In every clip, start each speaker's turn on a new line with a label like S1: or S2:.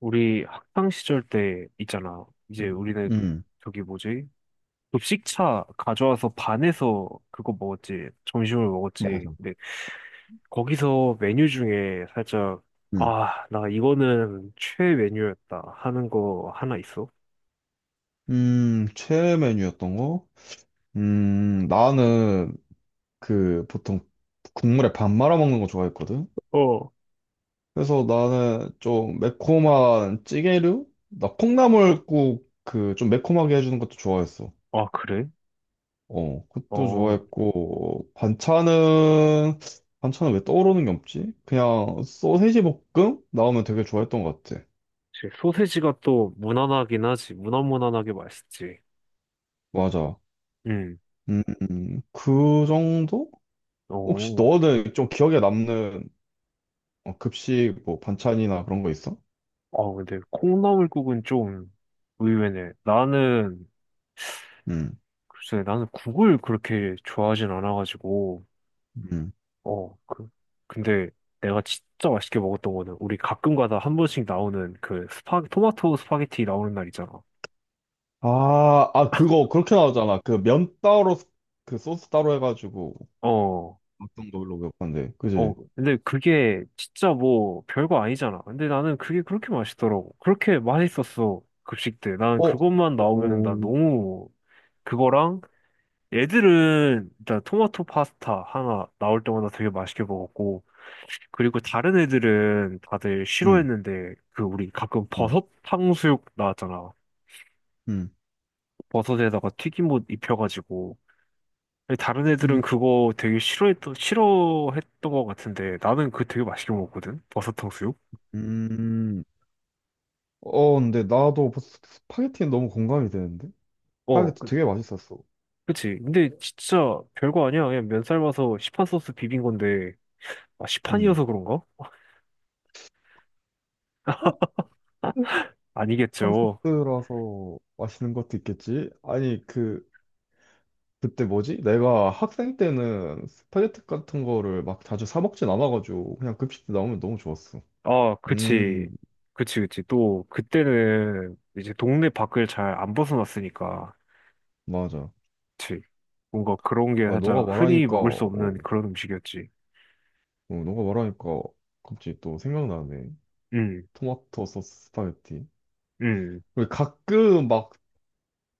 S1: 우리 학창 시절 때 있잖아.
S2: 음.
S1: 이제 우리는
S2: 음.
S1: 저기 뭐지? 급식차 가져와서 반에서 그거 먹었지. 점심을
S2: 뭐,
S1: 먹었지.
S2: 맞아.
S1: 근데 거기서 메뉴 중에 살짝
S2: 음,
S1: 아, 나 이거는 최애 메뉴였다 하는 거 하나 있어?
S2: 최애 메뉴였던 거? 나는 그 보통 국물에 밥 말아 먹는 거 좋아했거든?
S1: 어.
S2: 그래서 나는 좀 매콤한 찌개류? 나 콩나물국 그 좀 매콤하게 해주는 것도 좋아했어.
S1: 아, 그래?
S2: 어, 그것도
S1: 어.
S2: 좋아했고, 반찬은 왜 떠오르는 게 없지? 그냥 소세지 볶음? 나오면 되게 좋아했던 것 같아.
S1: 이제 소세지가 또 무난하긴 하지. 무난무난하게 맛있지.
S2: 맞아.
S1: 음.
S2: 음, 그 정도? 혹시
S1: 어.
S2: 너는 좀 기억에 남는 급식 뭐 반찬이나 그런 거 있어?
S1: 아, 근데 콩나물국은 좀 의외네. 나는
S2: 음.
S1: 글쎄, 나는 국을 그렇게 좋아하진 않아가지고,
S2: 음.
S1: 어, 그, 근데 내가 진짜 맛있게 먹었던 거는 우리 가끔 가다 한 번씩 나오는 그 토마토 스파게티 나오는 날 있잖아.
S2: 아, 그거 그렇게 나오잖아. 그 면 따로 그 소스 따로 해가지고
S1: 어,
S2: 어떤 걸로 먹었는데,
S1: 어,
S2: 그지?
S1: 근데 그게 진짜 뭐 별거 아니잖아. 근데 나는 그게 그렇게 맛있더라고. 그렇게 맛있었어, 급식 때. 나는
S2: 어.
S1: 그것만 나오면
S2: 어.
S1: 난 너무 그거랑 애들은 일단 토마토 파스타 하나 나올 때마다 되게 맛있게 먹었고, 그리고 다른 애들은 다들
S2: 음.
S1: 싫어했는데, 그 우리 가끔
S2: 음.
S1: 버섯 탕수육 나왔잖아.
S2: 음.
S1: 버섯에다가 튀김옷 입혀가지고. 근데 다른 애들은
S2: 음.
S1: 그거 되게 싫어했던 것 같은데, 나는 그거 되게 맛있게 먹었거든? 버섯 탕수육?
S2: 음, 근데 나도 벌써 스파게티는 너무 공감이 되는데?
S1: 어,
S2: 스파게티 되게 맛있었어.
S1: 그치. 근데 진짜 별거 아니야. 그냥 면 삶아서 시판 소스 비빈 건데, 아,
S2: 음.
S1: 시판이어서 그런가?
S2: 어? 그 한
S1: 아니겠죠.
S2: 소스라서 맛있는 것도 있겠지? 아니, 그때 뭐지? 내가 학생 때는 스파게티 같은 거를 막 자주 사 먹진 않아가지고 그냥 급식 때 나오면 너무 좋았어.
S1: 아,
S2: 음,
S1: 그치. 그치, 그치. 또, 그때는 이제 동네 밖을 잘 안 벗어났으니까.
S2: 맞아.
S1: 그치. 뭔가 그런 게
S2: 아,
S1: 살짝 흔히 먹을 수 없는 그런 음식이었지.
S2: 너가 말하니까 갑자기 또 생각나네.
S1: 응,
S2: 토마토 소스 스파게티.
S1: 응.
S2: 그리고 가끔 막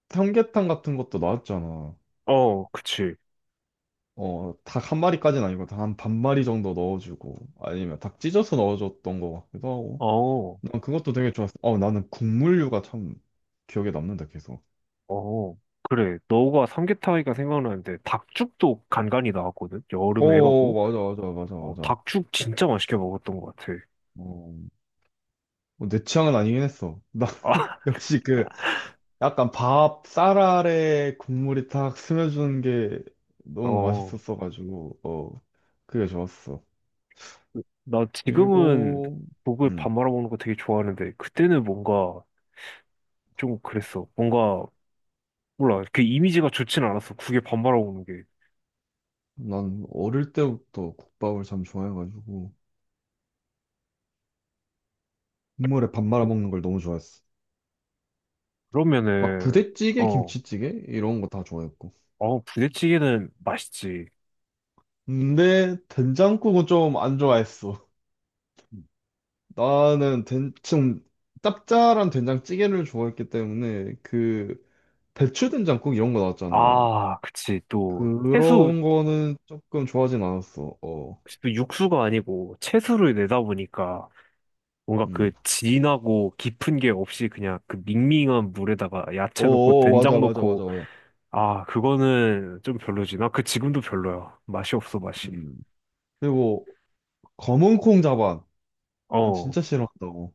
S2: 삼계탕 같은 것도 나왔잖아.
S1: 어, 그치.
S2: 어, 닭 한 마리까지는 아니고 닭 한 반 마리 정도 넣어주고 아니면 닭 찢어서 넣어줬던 것 같기도 하고.
S1: 어,
S2: 난 그것도 되게 좋았어. 어, 나는 국물류가 참 기억에 남는다, 계속.
S1: 어. 그래. 너가 삼계탕이니까 생각나는데, 닭죽도 간간히 나왔거든? 여름에
S2: 오,
S1: 해가고.
S2: 맞아, 맞아, 맞아,
S1: 어,
S2: 맞아.
S1: 닭죽 진짜 맛있게 먹었던 것 같아.
S2: 어, 어, 내 취향은 아니긴 했어. 나,
S1: 아,
S2: 역시 그, 약간 밥, 쌀 아래 국물이 탁 스며주는 게 너무
S1: 어.
S2: 맛있었어가지고, 그게 좋았어.
S1: 나 지금은
S2: 그리고,
S1: 국을 밥
S2: 음,
S1: 말아 먹는 거 되게 좋아하는데, 그때는 뭔가 좀 그랬어. 뭔가 몰라. 그 이미지가 좋진 않았어. 국에 반발하고 오는 게.
S2: 난 어릴 때부터 국밥을 참 좋아해가지고, 국물에 밥 말아 먹는 걸 너무 좋아했어. 막
S1: 그러면은,
S2: 부대찌개,
S1: 어,
S2: 김치찌개? 이런 거 다 좋아했고.
S1: 어, 부대찌개는 맛있지.
S2: 근데, 된장국은 좀 안 좋아했어. 나는 좀 짭짤한 된장찌개를 좋아했기 때문에 그 배추 된장국 이런 거 나왔잖아.
S1: 아, 그치. 또, 채수,
S2: 그런 거는 조금 좋아하진 않았어. 어,
S1: 또 육수가 아니고 채수를 내다 보니까 뭔가 그
S2: 음,
S1: 진하고 깊은 게 없이 그냥 그 밍밍한 물에다가
S2: 어,
S1: 야채 넣고
S2: 어, 어,
S1: 된장
S2: 맞아, 맞아, 맞아,
S1: 넣고,
S2: 맞아.
S1: 아, 그거는 좀 별로지. 나 그 지금도 별로야. 맛이 없어, 맛이.
S2: 음. 그리고 검은 콩 자반, 난
S1: 어,
S2: 진짜 싫어한다고.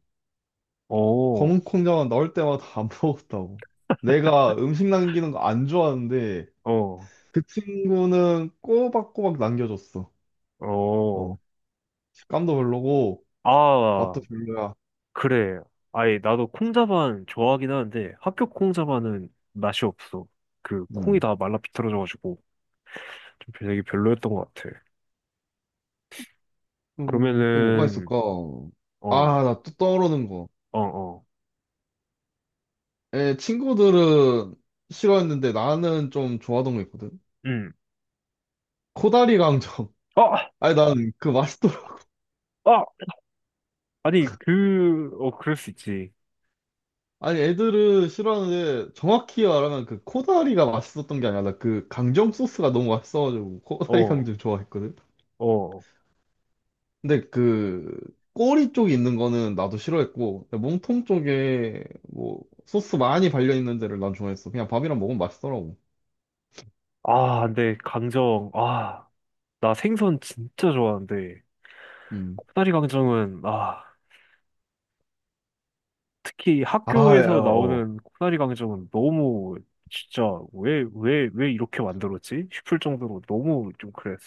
S1: 어,
S2: 검은 콩 자반 나올 때마다 안 먹었다고. 내가 음식 남기는 거 안 좋아하는데
S1: 어,
S2: 그 친구는 꼬박꼬박 남겨줬어.
S1: 어.
S2: 어, 식감도 별로고
S1: 아,
S2: 맛도 별로야.
S1: 그래. 아니, 나도 콩자반 좋아하긴 하는데 학교 콩자반은 맛이 없어. 그 콩이
S2: 음.
S1: 다 말라 비틀어져가지고 좀 되게 별로였던 것 같아.
S2: 또 뭐가
S1: 그러면은
S2: 있을까?
S1: 어,
S2: 아, 나 또 떠오르는 거.
S1: 어, 어,
S2: 친구들은 싫어했는데 나는 좀 좋아하던 거 있거든.
S1: 음,
S2: 코다리 강정.
S1: 아,
S2: 아니, 난 그 맛있더라.
S1: 아, 아니 그, 어, 그럴 수 있지.
S2: 아니, 애들은 싫어하는데 정확히 말하면 그 코다리가 맛있었던 게 아니라 그 강정 소스가 너무 맛있어가지고 코다리
S1: 어,
S2: 강정 좋아했거든.
S1: 어,
S2: 근데 그 꼬리 쪽에 있는 거는 나도 싫어했고 몸통 쪽에 뭐 소스 많이 발려 있는 데를 난 좋아했어. 그냥 밥이랑 먹으면 맛있더라고.
S1: 아, 근데 강정, 아, 나 생선 진짜 좋아하는데
S2: 음.
S1: 코다리 강정은 아. 특히
S2: 아, 예,
S1: 학교에서
S2: 어. 어.
S1: 나오는 코나리 강정은 너무 진짜 왜, 왜, 왜 이렇게 만들었지? 싶을 정도로 너무 좀 그랬어.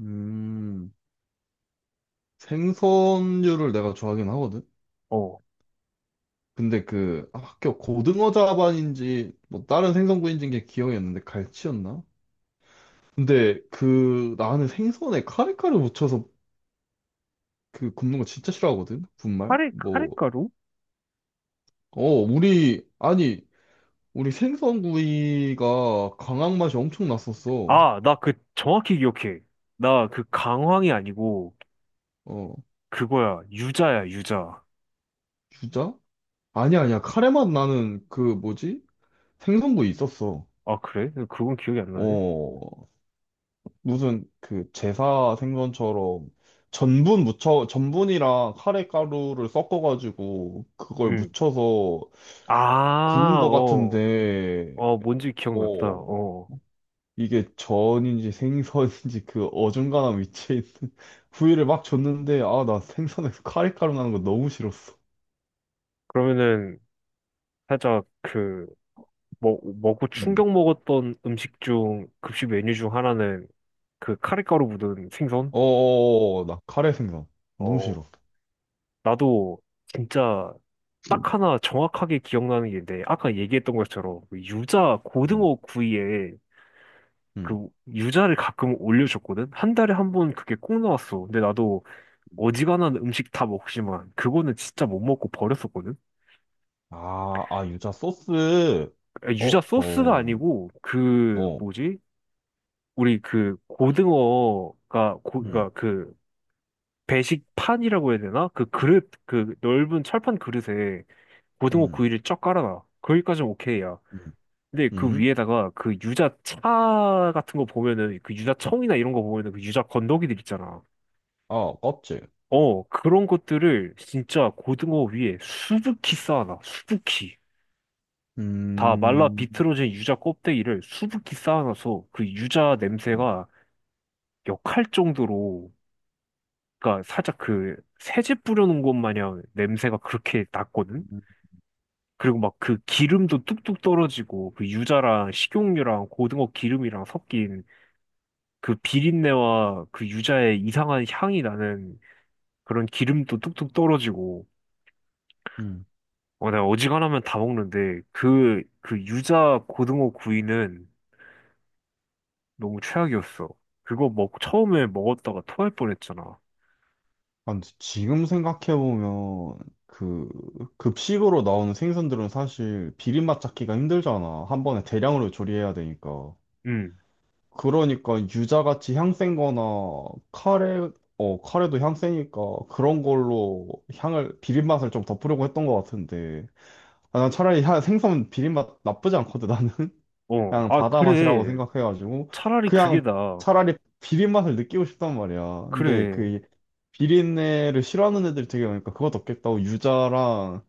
S2: 음, 생선류를 내가 좋아하긴 하거든?
S1: 어.
S2: 근데 그 학교 고등어 자반인지 뭐 다른 생선구이인지 게 기억이 안 나는데 갈치였나? 근데 그 나는 생선에 카레카를 묻혀서 그 굽는 거 진짜 싫어하거든? 분말? 뭐,
S1: 카레가루?
S2: 아니, 우리 생선구이가 강황 맛이 엄청 났었어.
S1: 아, 나 그 정확히 기억해. 나 그 강황이 아니고
S2: 어,
S1: 그거야. 유자야, 유자.
S2: 주자? 아니야, 아니야. 카레 맛 나는 그 뭐지? 생선구이 있었어.
S1: 아, 그래? 그건 기억이 안 나네?
S2: 어, 무슨 그 제사 생선처럼 전분이랑 카레 가루를 섞어가지고 그걸
S1: 응.
S2: 무쳐서 구운
S1: 아,
S2: 것
S1: 어.
S2: 같은데
S1: 어, 뭔지 기억났다.
S2: 어
S1: 어.
S2: 이게 전인지 생선인지 그 어중간한 위치에 있는 부위를 막 줬는데 아 나 생선에서 카레 가루 나는 거 너무 싫었어.
S1: 그러면은 살짝 그 먹고
S2: 음.
S1: 충격 먹었던 음식 중, 급식 메뉴 중 하나는 그 카레가루 묻은 생선?
S2: 어어어, 나 카레 생선 너무
S1: 어,
S2: 싫어.
S1: 나도 진짜
S2: 음.
S1: 딱 하나 정확하게 기억나는 게 있는데, 아까 얘기했던 것처럼 그 유자,
S2: 음.
S1: 고등어 구이에
S2: 음.
S1: 그 유자를 가끔 올려줬거든? 한 달에 한 번 그게 꼭 나왔어. 근데 나도 어지간한 음식 다 먹지만, 그거는 진짜 못 먹고 버렸었거든?
S2: 아, 유자 소스.
S1: 아,
S2: 어,
S1: 유자 소스가
S2: 어,
S1: 아니고, 그,
S2: 어.
S1: 뭐지? 우리 그 고등어가,
S2: 음.
S1: 그니까 그 배식판이라고 해야 되나? 그 그릇, 그 넓은 철판 그릇에 고등어
S2: 음.
S1: 구이를 쫙 깔아놔. 거기까지는 오케이야.
S2: 음.
S1: 근데 그
S2: 음,
S1: 위에다가 그 유자차 같은 거 보면은 그 유자청이나 이런 거 보면은 그 유자 건더기들 있잖아.
S2: 어, 껍질.
S1: 어, 그런 것들을 진짜 고등어 위에 수북히 쌓아놔. 수북히. 다 말라
S2: 음,
S1: 비틀어진 유자 껍데기를 수북히 쌓아놔서 그 유자
S2: 음,
S1: 냄새가 역할 정도로 그러니까 살짝 그 세제 뿌려놓은 것 마냥 냄새가 그렇게 났거든? 그리고 막 그 기름도 뚝뚝 떨어지고 그 유자랑 식용유랑 고등어 기름이랑 섞인 그 비린내와 그 유자의 이상한 향이 나는 그런 기름도 뚝뚝 떨어지고
S2: 음.
S1: 어, 내가 어지간하면 다 먹는데 그, 그 유자 고등어 구이는 너무 최악이었어. 그거 처음에 먹었다가 토할 뻔했잖아.
S2: 아, 근데 지금 생각해보면, 그, 급식으로 나오는 생선들은 사실 비린맛 잡기가 힘들잖아. 한 번에 대량으로 조리해야 되니까.
S1: 응,
S2: 그러니까 유자같이 향센 거나 카레, 카레도 향 세니까 그런 걸로 향을, 비린맛을 좀 덮으려고 했던 것 같은데. 아, 난 차라리 생선 비린맛 나쁘지 않거든, 나는.
S1: 어,
S2: 그냥
S1: 아,
S2: 바다 맛이라고
S1: 그래.
S2: 생각해가지고
S1: 차라리 그게
S2: 그냥
S1: 나.
S2: 차라리 비린 맛을 느끼고 싶단 말이야. 근데
S1: 그래.
S2: 그 비린내를 싫어하는 애들이 되게 많으니까 그것도 없겠다고 유자랑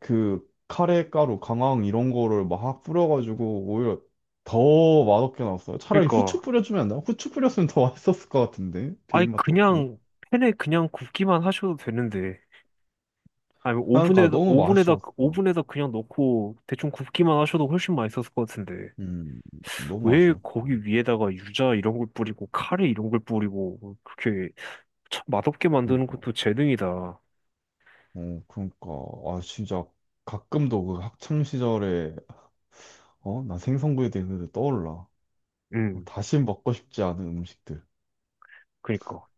S2: 그 카레가루, 강황 이런 거를 막 뿌려가지고 오히려 더 맛없게 나왔어요. 차라리 후추
S1: 그러니까,
S2: 뿌려주면 안 돼? 후추 뿌렸으면 더 맛있었을 것 같은데
S1: 아니,
S2: 비린 맛도 없고.
S1: 그냥 팬에 그냥 굽기만 하셔도 되는데. 아니,
S2: 그러니까
S1: 오븐에다,
S2: 너무
S1: 오븐에다,
S2: 아쉬웠어.
S1: 오븐에다 그냥 넣고 대충 굽기만 하셔도 훨씬 맛있었을 것 같은데.
S2: 음, 너무
S1: 왜
S2: 아쉬웠어.
S1: 거기 위에다가 유자 이런 걸 뿌리고, 카레 이런 걸 뿌리고, 그렇게 참 맛없게 만드는
S2: 그러니까,
S1: 것도 재능이다.
S2: 그러니까 아 진짜 가끔도 그 학창 시절에 나 생선구이 되는데 떠올라.
S1: 음,
S2: 다시 먹고 싶지 않은 음식들.
S1: 그니까.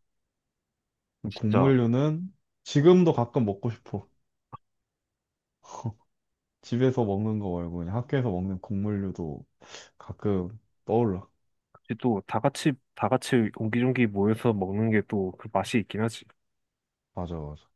S1: 진짜.
S2: 곡물류는 지금도 가끔 먹고 싶어. 집에서 먹는 거 말고 그냥 학교에서 먹는 곡물류도 가끔 떠올라.
S1: 또 다 같이, 다 같이 옹기종기 모여서 먹는 게 또 그 맛이 있긴 하지.
S2: 맞아, 맞아.